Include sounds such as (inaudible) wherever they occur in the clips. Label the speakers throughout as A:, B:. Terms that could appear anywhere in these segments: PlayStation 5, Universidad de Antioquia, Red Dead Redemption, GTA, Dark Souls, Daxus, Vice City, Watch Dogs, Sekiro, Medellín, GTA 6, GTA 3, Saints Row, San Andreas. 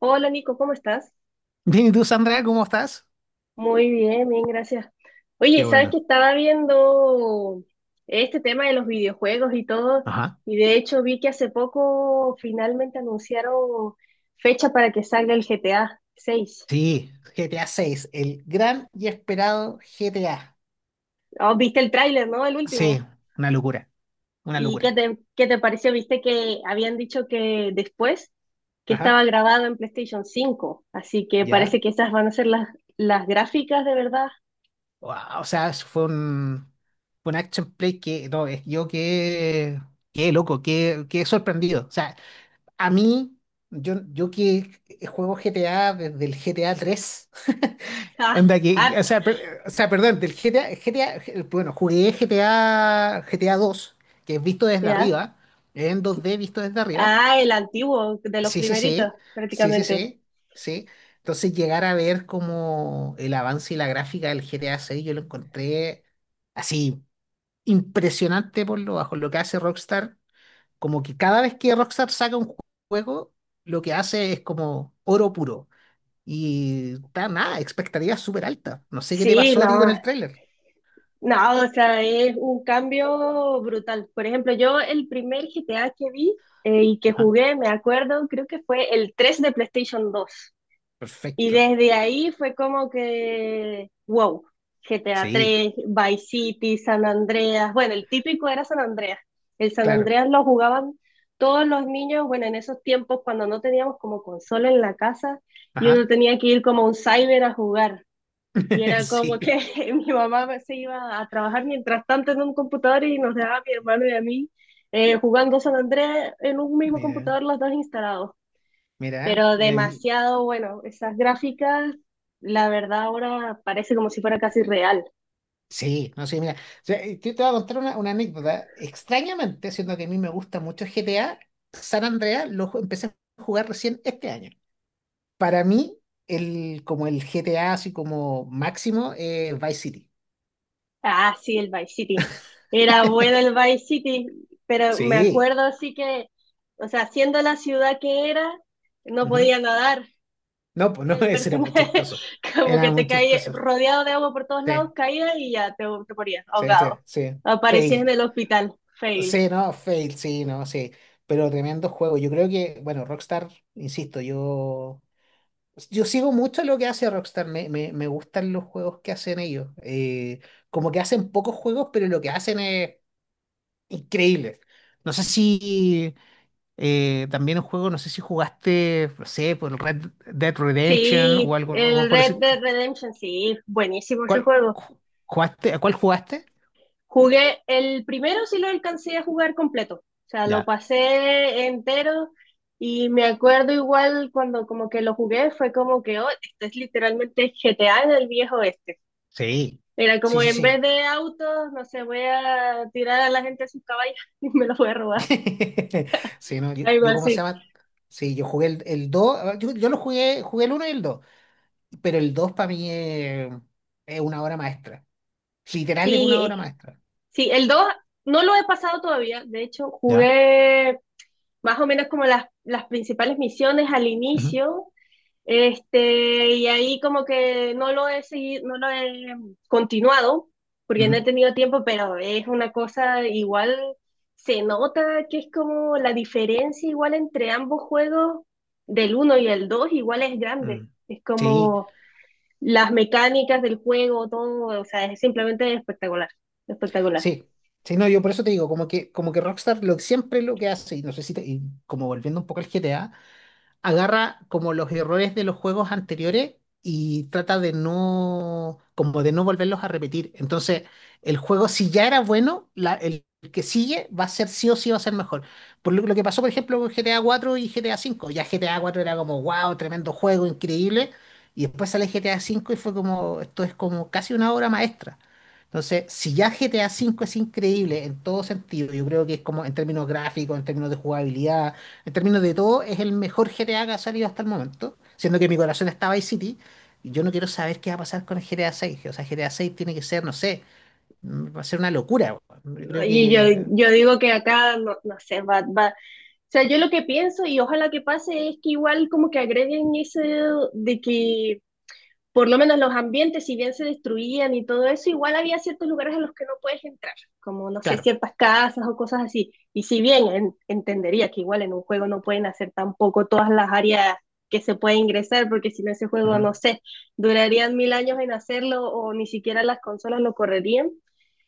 A: Hola Nico, ¿cómo estás?
B: Bien, ¿y tú, Sandra, cómo estás?
A: Muy bien, bien, gracias. Oye,
B: Qué
A: sabes que
B: bueno.
A: estaba viendo este tema de los videojuegos y todo,
B: Ajá.
A: y de hecho vi que hace poco finalmente anunciaron fecha para que salga el GTA 6.
B: Sí, GTA seis, el gran y esperado GTA.
A: Oh, viste el tráiler, ¿no? El
B: Sí,
A: último.
B: una locura, una
A: ¿Y qué
B: locura.
A: te, qué te pareció? Viste que habían dicho que después que estaba
B: Ajá,
A: grabado en PlayStation 5, así que
B: ya.
A: parece que esas van a ser las gráficas de verdad. (laughs)
B: Guau, o sea, eso fue un action play que, no, qué loco, qué sorprendido. O sea, a mí, yo que juego GTA desde el GTA tres. (laughs)
A: Ah,
B: Onda que, o
A: arte,
B: sea, perdón, bueno, jugué GTA dos, que es visto desde
A: ¿ya?
B: arriba, en
A: Sí.
B: 2D visto desde arriba.
A: Ah, el antiguo, de los
B: Sí, sí, sí,
A: primeritos,
B: sí, sí,
A: prácticamente.
B: sí, sí. Entonces llegar a ver como el avance y la gráfica del GTA seis, yo lo encontré así impresionante por lo bajo, lo que hace Rockstar, como que cada vez que Rockstar saca un juego, lo que hace es como oro puro. Y está nada, expectativa súper alta. No sé qué te
A: Sí,
B: pasó a ti con
A: no,
B: el tráiler.
A: no, o sea, es un cambio brutal. Por ejemplo, yo el primer GTA que vi y que
B: Ajá.
A: jugué, me acuerdo, creo que fue el 3 de PlayStation 2. Y
B: Perfecto.
A: desde ahí fue como que, wow, GTA
B: Sí,
A: 3, Vice City, San Andreas. Bueno, el típico era San Andreas. El San
B: claro.
A: Andreas lo jugaban todos los niños, bueno, en esos tiempos cuando no teníamos como consola en la casa y uno
B: Ajá.
A: tenía que ir como a un cyber a jugar. Y
B: (laughs)
A: era como que
B: Sí.
A: (laughs) mi mamá se iba a trabajar mientras tanto en un computador y nos dejaba a mi hermano y a mí jugando San Andreas en un mismo
B: Mira,
A: computador los dos instalados.
B: mira,
A: Pero
B: mira ahí.
A: demasiado bueno, esas gráficas, la verdad ahora parece como si fuera casi real.
B: Sí, no sé, mira. O sea, yo te voy a contar una anécdota. Extrañamente, siendo que a mí me gusta mucho GTA, San Andreas empecé a jugar recién este año. Para mí, como el GTA así como máximo, Vice City.
A: Ah, sí, el Vice City. Era bueno
B: (laughs)
A: el Vice City, pero me
B: Sí.
A: acuerdo así que, o sea, siendo la ciudad que era, no
B: Ujú.
A: podía nadar.
B: No, pues no,
A: Era
B: (laughs)
A: el
B: ese era muy
A: personaje
B: chistoso.
A: (laughs) como
B: Era
A: que te
B: muy
A: caía
B: chistoso.
A: rodeado de agua por todos lados,
B: Sí,
A: caías y ya te morías
B: sí, sí,
A: ahogado.
B: sí.
A: Aparecías en
B: Fail.
A: el hospital, fail.
B: Sí, no, fail, sí, no, sí. Pero tremendo juego. Yo creo que, bueno, Rockstar, insisto, yo sigo mucho lo que hace Rockstar. Me gustan los juegos que hacen ellos. Como que hacen pocos juegos, pero lo que hacen es increíble. No sé si también un juego, no sé si jugaste, no sé, por el Red Dead Redemption
A: Sí,
B: algo
A: el
B: por
A: Red
B: así.
A: Dead Redemption, sí, buenísimo ese
B: ¿Cuál,
A: juego.
B: ju- ¿a cuál jugaste?
A: Jugué, el primero sí lo alcancé a jugar completo, o sea, lo
B: Ya.
A: pasé entero y me acuerdo igual cuando como que lo jugué, fue como que, oh, esto es literalmente GTA en el viejo oeste.
B: Sí.
A: Era
B: Sí,
A: como
B: sí,
A: en vez
B: sí.
A: de autos, no sé, voy a tirar a la gente a sus caballos (laughs) y me los voy a robar,
B: (laughs) Sí, no,
A: algo
B: yo, ¿cómo se
A: así.
B: llama? Sí, yo jugué el 2, yo lo jugué el uno y el 2, pero el 2 para mí es una obra maestra. Literal es una
A: Sí,
B: obra maestra.
A: sí, el 2 no lo he pasado todavía, de hecho
B: Ya.
A: jugué más o menos como las principales misiones al
B: Ujú,
A: inicio. Este, y ahí como que no lo he seguido, no lo he continuado, porque no he
B: ujú,
A: tenido tiempo, pero es una cosa igual, se nota que es como la diferencia igual entre ambos juegos, del 1 y el 2 igual es grande.
B: mm.
A: Es
B: Sí,
A: como las mecánicas del juego, todo, o sea, es simplemente espectacular, espectacular.
B: sí. Sí, no, yo por eso te digo, como que Rockstar lo, siempre lo que hace, y no sé si y como volviendo un poco al GTA, agarra como los errores de los juegos anteriores y trata de no, como de no volverlos a repetir. Entonces, el juego, si ya era bueno, el que sigue va a ser sí o sí va a ser mejor. Por lo que pasó, por ejemplo, con GTA 4 y GTA 5. Ya GTA 4 era como, wow, tremendo juego, increíble. Y después sale GTA 5 y fue como, esto es como casi una obra maestra. Entonces, si ya GTA 5 es increíble en todo sentido, yo creo que es como en términos gráficos, en términos de jugabilidad, en términos de todo, es el mejor GTA que ha salido hasta el momento, siendo que mi corazón está Vice City. Y yo no quiero saber qué va a pasar con el GTA 6. O sea, GTA 6 tiene que ser, no sé, va a ser una locura. Weón. Yo creo
A: Y yo,
B: que,
A: yo digo que acá, no, no sé, sea, yo lo que pienso y ojalá que pase es que igual como que agreguen ese de que por lo menos los ambientes, si bien se destruían y todo eso, igual había ciertos lugares a los que no puedes entrar, como no sé,
B: claro.
A: ciertas casas o cosas así. Y si bien entendería que igual en un juego no pueden hacer tampoco todas las áreas que se puede ingresar, porque si no ese juego,
B: Ujú.
A: no sé, durarían mil años en hacerlo o ni siquiera las consolas lo correrían.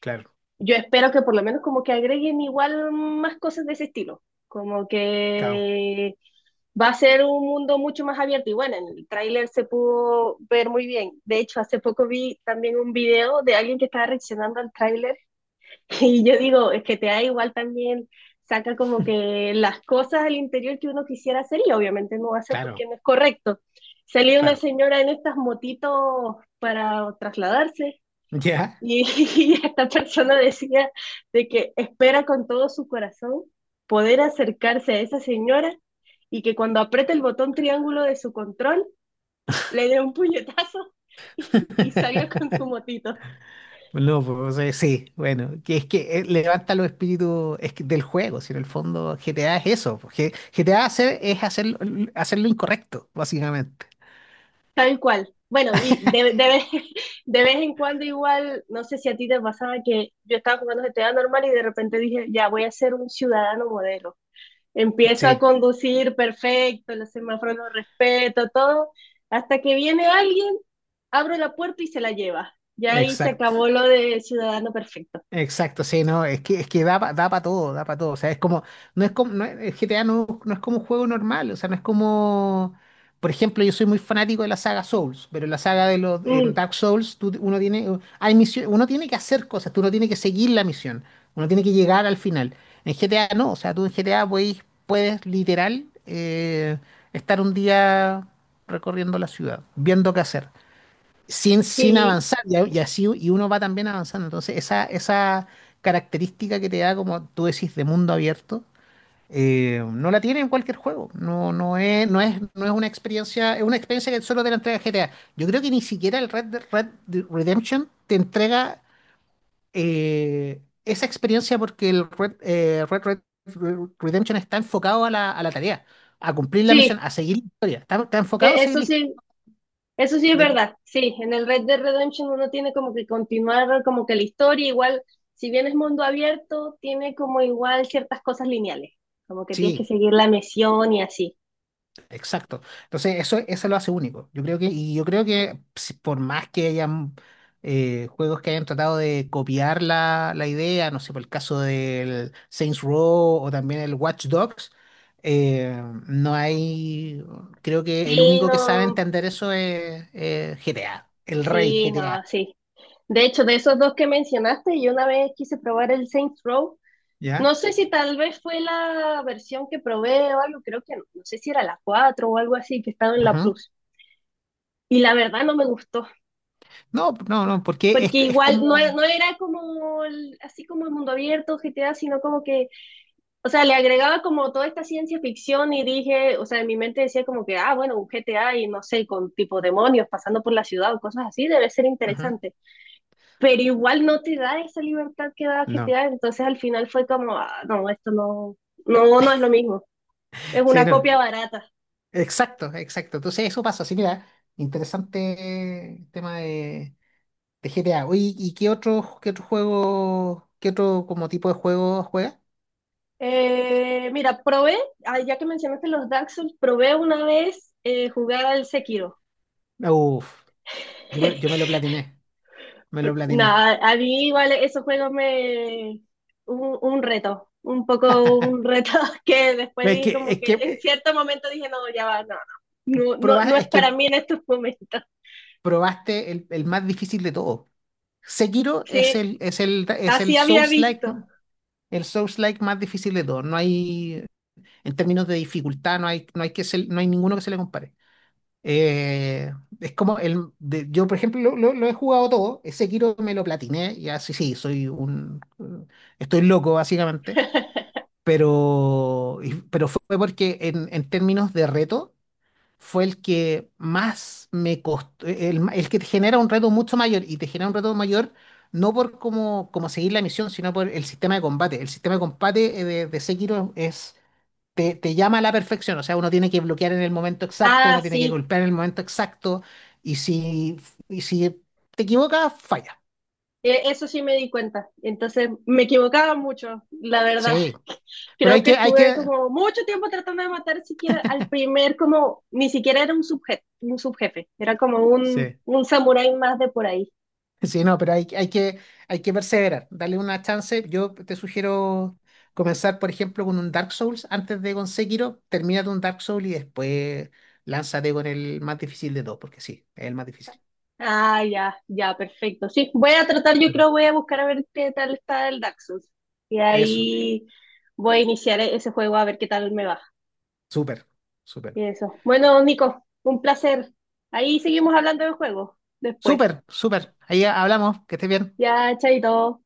B: Claro.
A: Yo espero que por lo menos como que agreguen igual más cosas de ese estilo, como
B: Cao.
A: que va a ser un mundo mucho más abierto y bueno, en el tráiler se pudo ver muy bien. De hecho, hace poco vi también un video de alguien que estaba reaccionando al tráiler (laughs) y yo digo, es que te da igual también saca como que las cosas al interior que uno quisiera hacer y obviamente no va a ser
B: Claro,
A: porque no es correcto. Salía una
B: claro.
A: señora en estas motitos para trasladarse
B: ¿Ya?
A: y (laughs) y esta persona decía de que espera con todo su corazón poder acercarse a esa señora y que cuando apriete el botón triángulo de su control le dé un puñetazo (laughs) y salga con su
B: (laughs)
A: motito.
B: No, pues sí, bueno, que es que levanta los espíritus es que del juego, si en el fondo GTA es eso, porque GTA hacer, hacer lo incorrecto, básicamente.
A: Tal cual. Bueno, y (laughs) de vez en cuando igual, no sé si a ti te pasaba que yo estaba jugando GTA normal y de repente dije, ya voy a ser un ciudadano modelo. Empiezo a
B: Sí,
A: conducir perfecto, los semáforos los respeto, todo, hasta que viene alguien abro la puerta y se la lleva. Ya ahí se
B: exacto.
A: acabó lo de ciudadano perfecto.
B: Exacto, sí, no, es que da, da para todo, da para todo. O sea, es como, el GTA no es como un juego normal, o sea, no es como, por ejemplo, yo soy muy fanático de la saga Souls, pero en la saga en
A: Mm,
B: Dark Souls, uno tiene, hay misión, uno tiene que hacer cosas, tú no tienes que seguir la misión, uno tiene que llegar al final. En GTA no, o sea, tú en GTA puedes literal estar un día recorriendo la ciudad, viendo qué hacer sin
A: sí,
B: avanzar, y así y uno va también avanzando. Entonces, esa característica que te da, como tú decís, de mundo abierto, no la tiene en cualquier juego. No, no es una experiencia, es una experiencia que solo te la entrega GTA. Yo creo que ni siquiera el Red Dead Redemption te entrega esa experiencia porque el Red Redemption está enfocado a a la tarea, a cumplir la
A: sí,
B: misión, a seguir la historia. Está enfocado a
A: eso
B: seguir
A: sí, eso sí es
B: la
A: verdad. Sí, en el Red Dead Redemption uno tiene como que continuar como que la historia, igual, si bien es mundo abierto, tiene como igual ciertas cosas lineales, como que tienes que
B: historia.
A: seguir la misión y así.
B: Exacto. Entonces, eso lo hace único. Y yo creo que por más que hayan juegos que hayan tratado de copiar la idea, no sé, por el caso del Saints Row o también el Watch Dogs, no hay, creo que el
A: Sí,
B: único que sabe
A: no,
B: entender eso es GTA, el rey
A: sí, no,
B: GTA,
A: sí. De hecho, de esos dos que mencionaste, yo una vez quise probar el Saints Row. No
B: ¿ya?
A: sé si tal vez fue la versión que probé o algo, creo que no, no sé si era la 4 o algo así que estaba en la
B: Ujú.
A: Plus. Y la verdad no me gustó,
B: No, no, no, porque
A: porque
B: es
A: igual no,
B: como...
A: no era como así como el mundo abierto, GTA, sino como que, o sea, le agregaba como toda esta ciencia ficción y dije, o sea, en mi mente decía como que, ah, bueno, un GTA y no sé, con tipo demonios pasando por la ciudad o cosas así, debe ser
B: Ujú.
A: interesante. Pero igual no te da esa libertad que da
B: No.
A: GTA, entonces al final fue como, ah, no, esto no, no, no es lo mismo. Es
B: Sí,
A: una
B: no.
A: copia barata.
B: Exacto, exacto. Entonces eso pasa. Así mira, interesante tema de GTA. Oye, ¿y qué otro juego, qué otro como tipo de juego juegas?
A: Mira, probé, ah, ya que mencionaste los Dark Souls, probé una vez jugar al Sekiro.
B: Uf, yo me lo
A: (laughs)
B: platiné, me lo platiné.
A: Nada, a mí igual esos juegos me... Un reto, un poco un reto (laughs) que después
B: Es
A: dije
B: que,
A: como
B: es que,
A: que en
B: eh,
A: cierto momento dije, no, ya va, no, no, no, no,
B: proba-
A: no es
B: es
A: para
B: que
A: mí en estos momentos.
B: probaste el más difícil de todo. Sekiro
A: Sí,
B: es
A: así
B: el
A: había visto.
B: El Souls-like más difícil de todo. No hay, en términos de dificultad, no hay ninguno que se le compare. Eh, es como el. De- Yo, por ejemplo, lo he jugado todo. Ese Kiro me lo platiné. Y así sí, soy un. Estoy loco, básicamente.
A: (laughs)
B: Pero, pero fue porque, en términos de reto, fue el que más me costó. El que te genera un reto mucho mayor. Y te genera un reto mayor, no por cómo seguir la misión, sino por el sistema de combate. El sistema de combate de Sekiro es te llama a la perfección, o sea, uno tiene que bloquear en el momento exacto,
A: Ah,
B: uno tiene que
A: sí,
B: golpear en el momento exacto, y si, y si te equivocas, falla.
A: eso sí me di cuenta. Entonces me equivocaba mucho, la verdad.
B: Sí, pero
A: Creo que
B: hay
A: estuve
B: que,
A: como mucho tiempo tratando de matar siquiera al primer, como ni siquiera era un subjefe, era como un,
B: sí,
A: un samurái más de por ahí.
B: (laughs) sí, no, pero hay que perseverar, darle una chance. Yo te sugiero comenzar, por ejemplo, con un Dark Souls antes de con Sekiro, termina un Dark Souls y después lánzate con el más difícil de todos, porque sí, es el más difícil.
A: Ah, ya, ya, perfecto. Sí, voy a tratar, yo
B: Ujú.
A: creo, voy a buscar a ver qué tal está el Daxus. Y
B: Eso,
A: ahí voy a iniciar ese juego a ver qué tal me va.
B: súper, súper,
A: Y eso. Bueno, Nico, un placer. Ahí seguimos hablando del juego después.
B: súper, súper. Ahí hablamos, que estés bien.
A: Ya, chaito.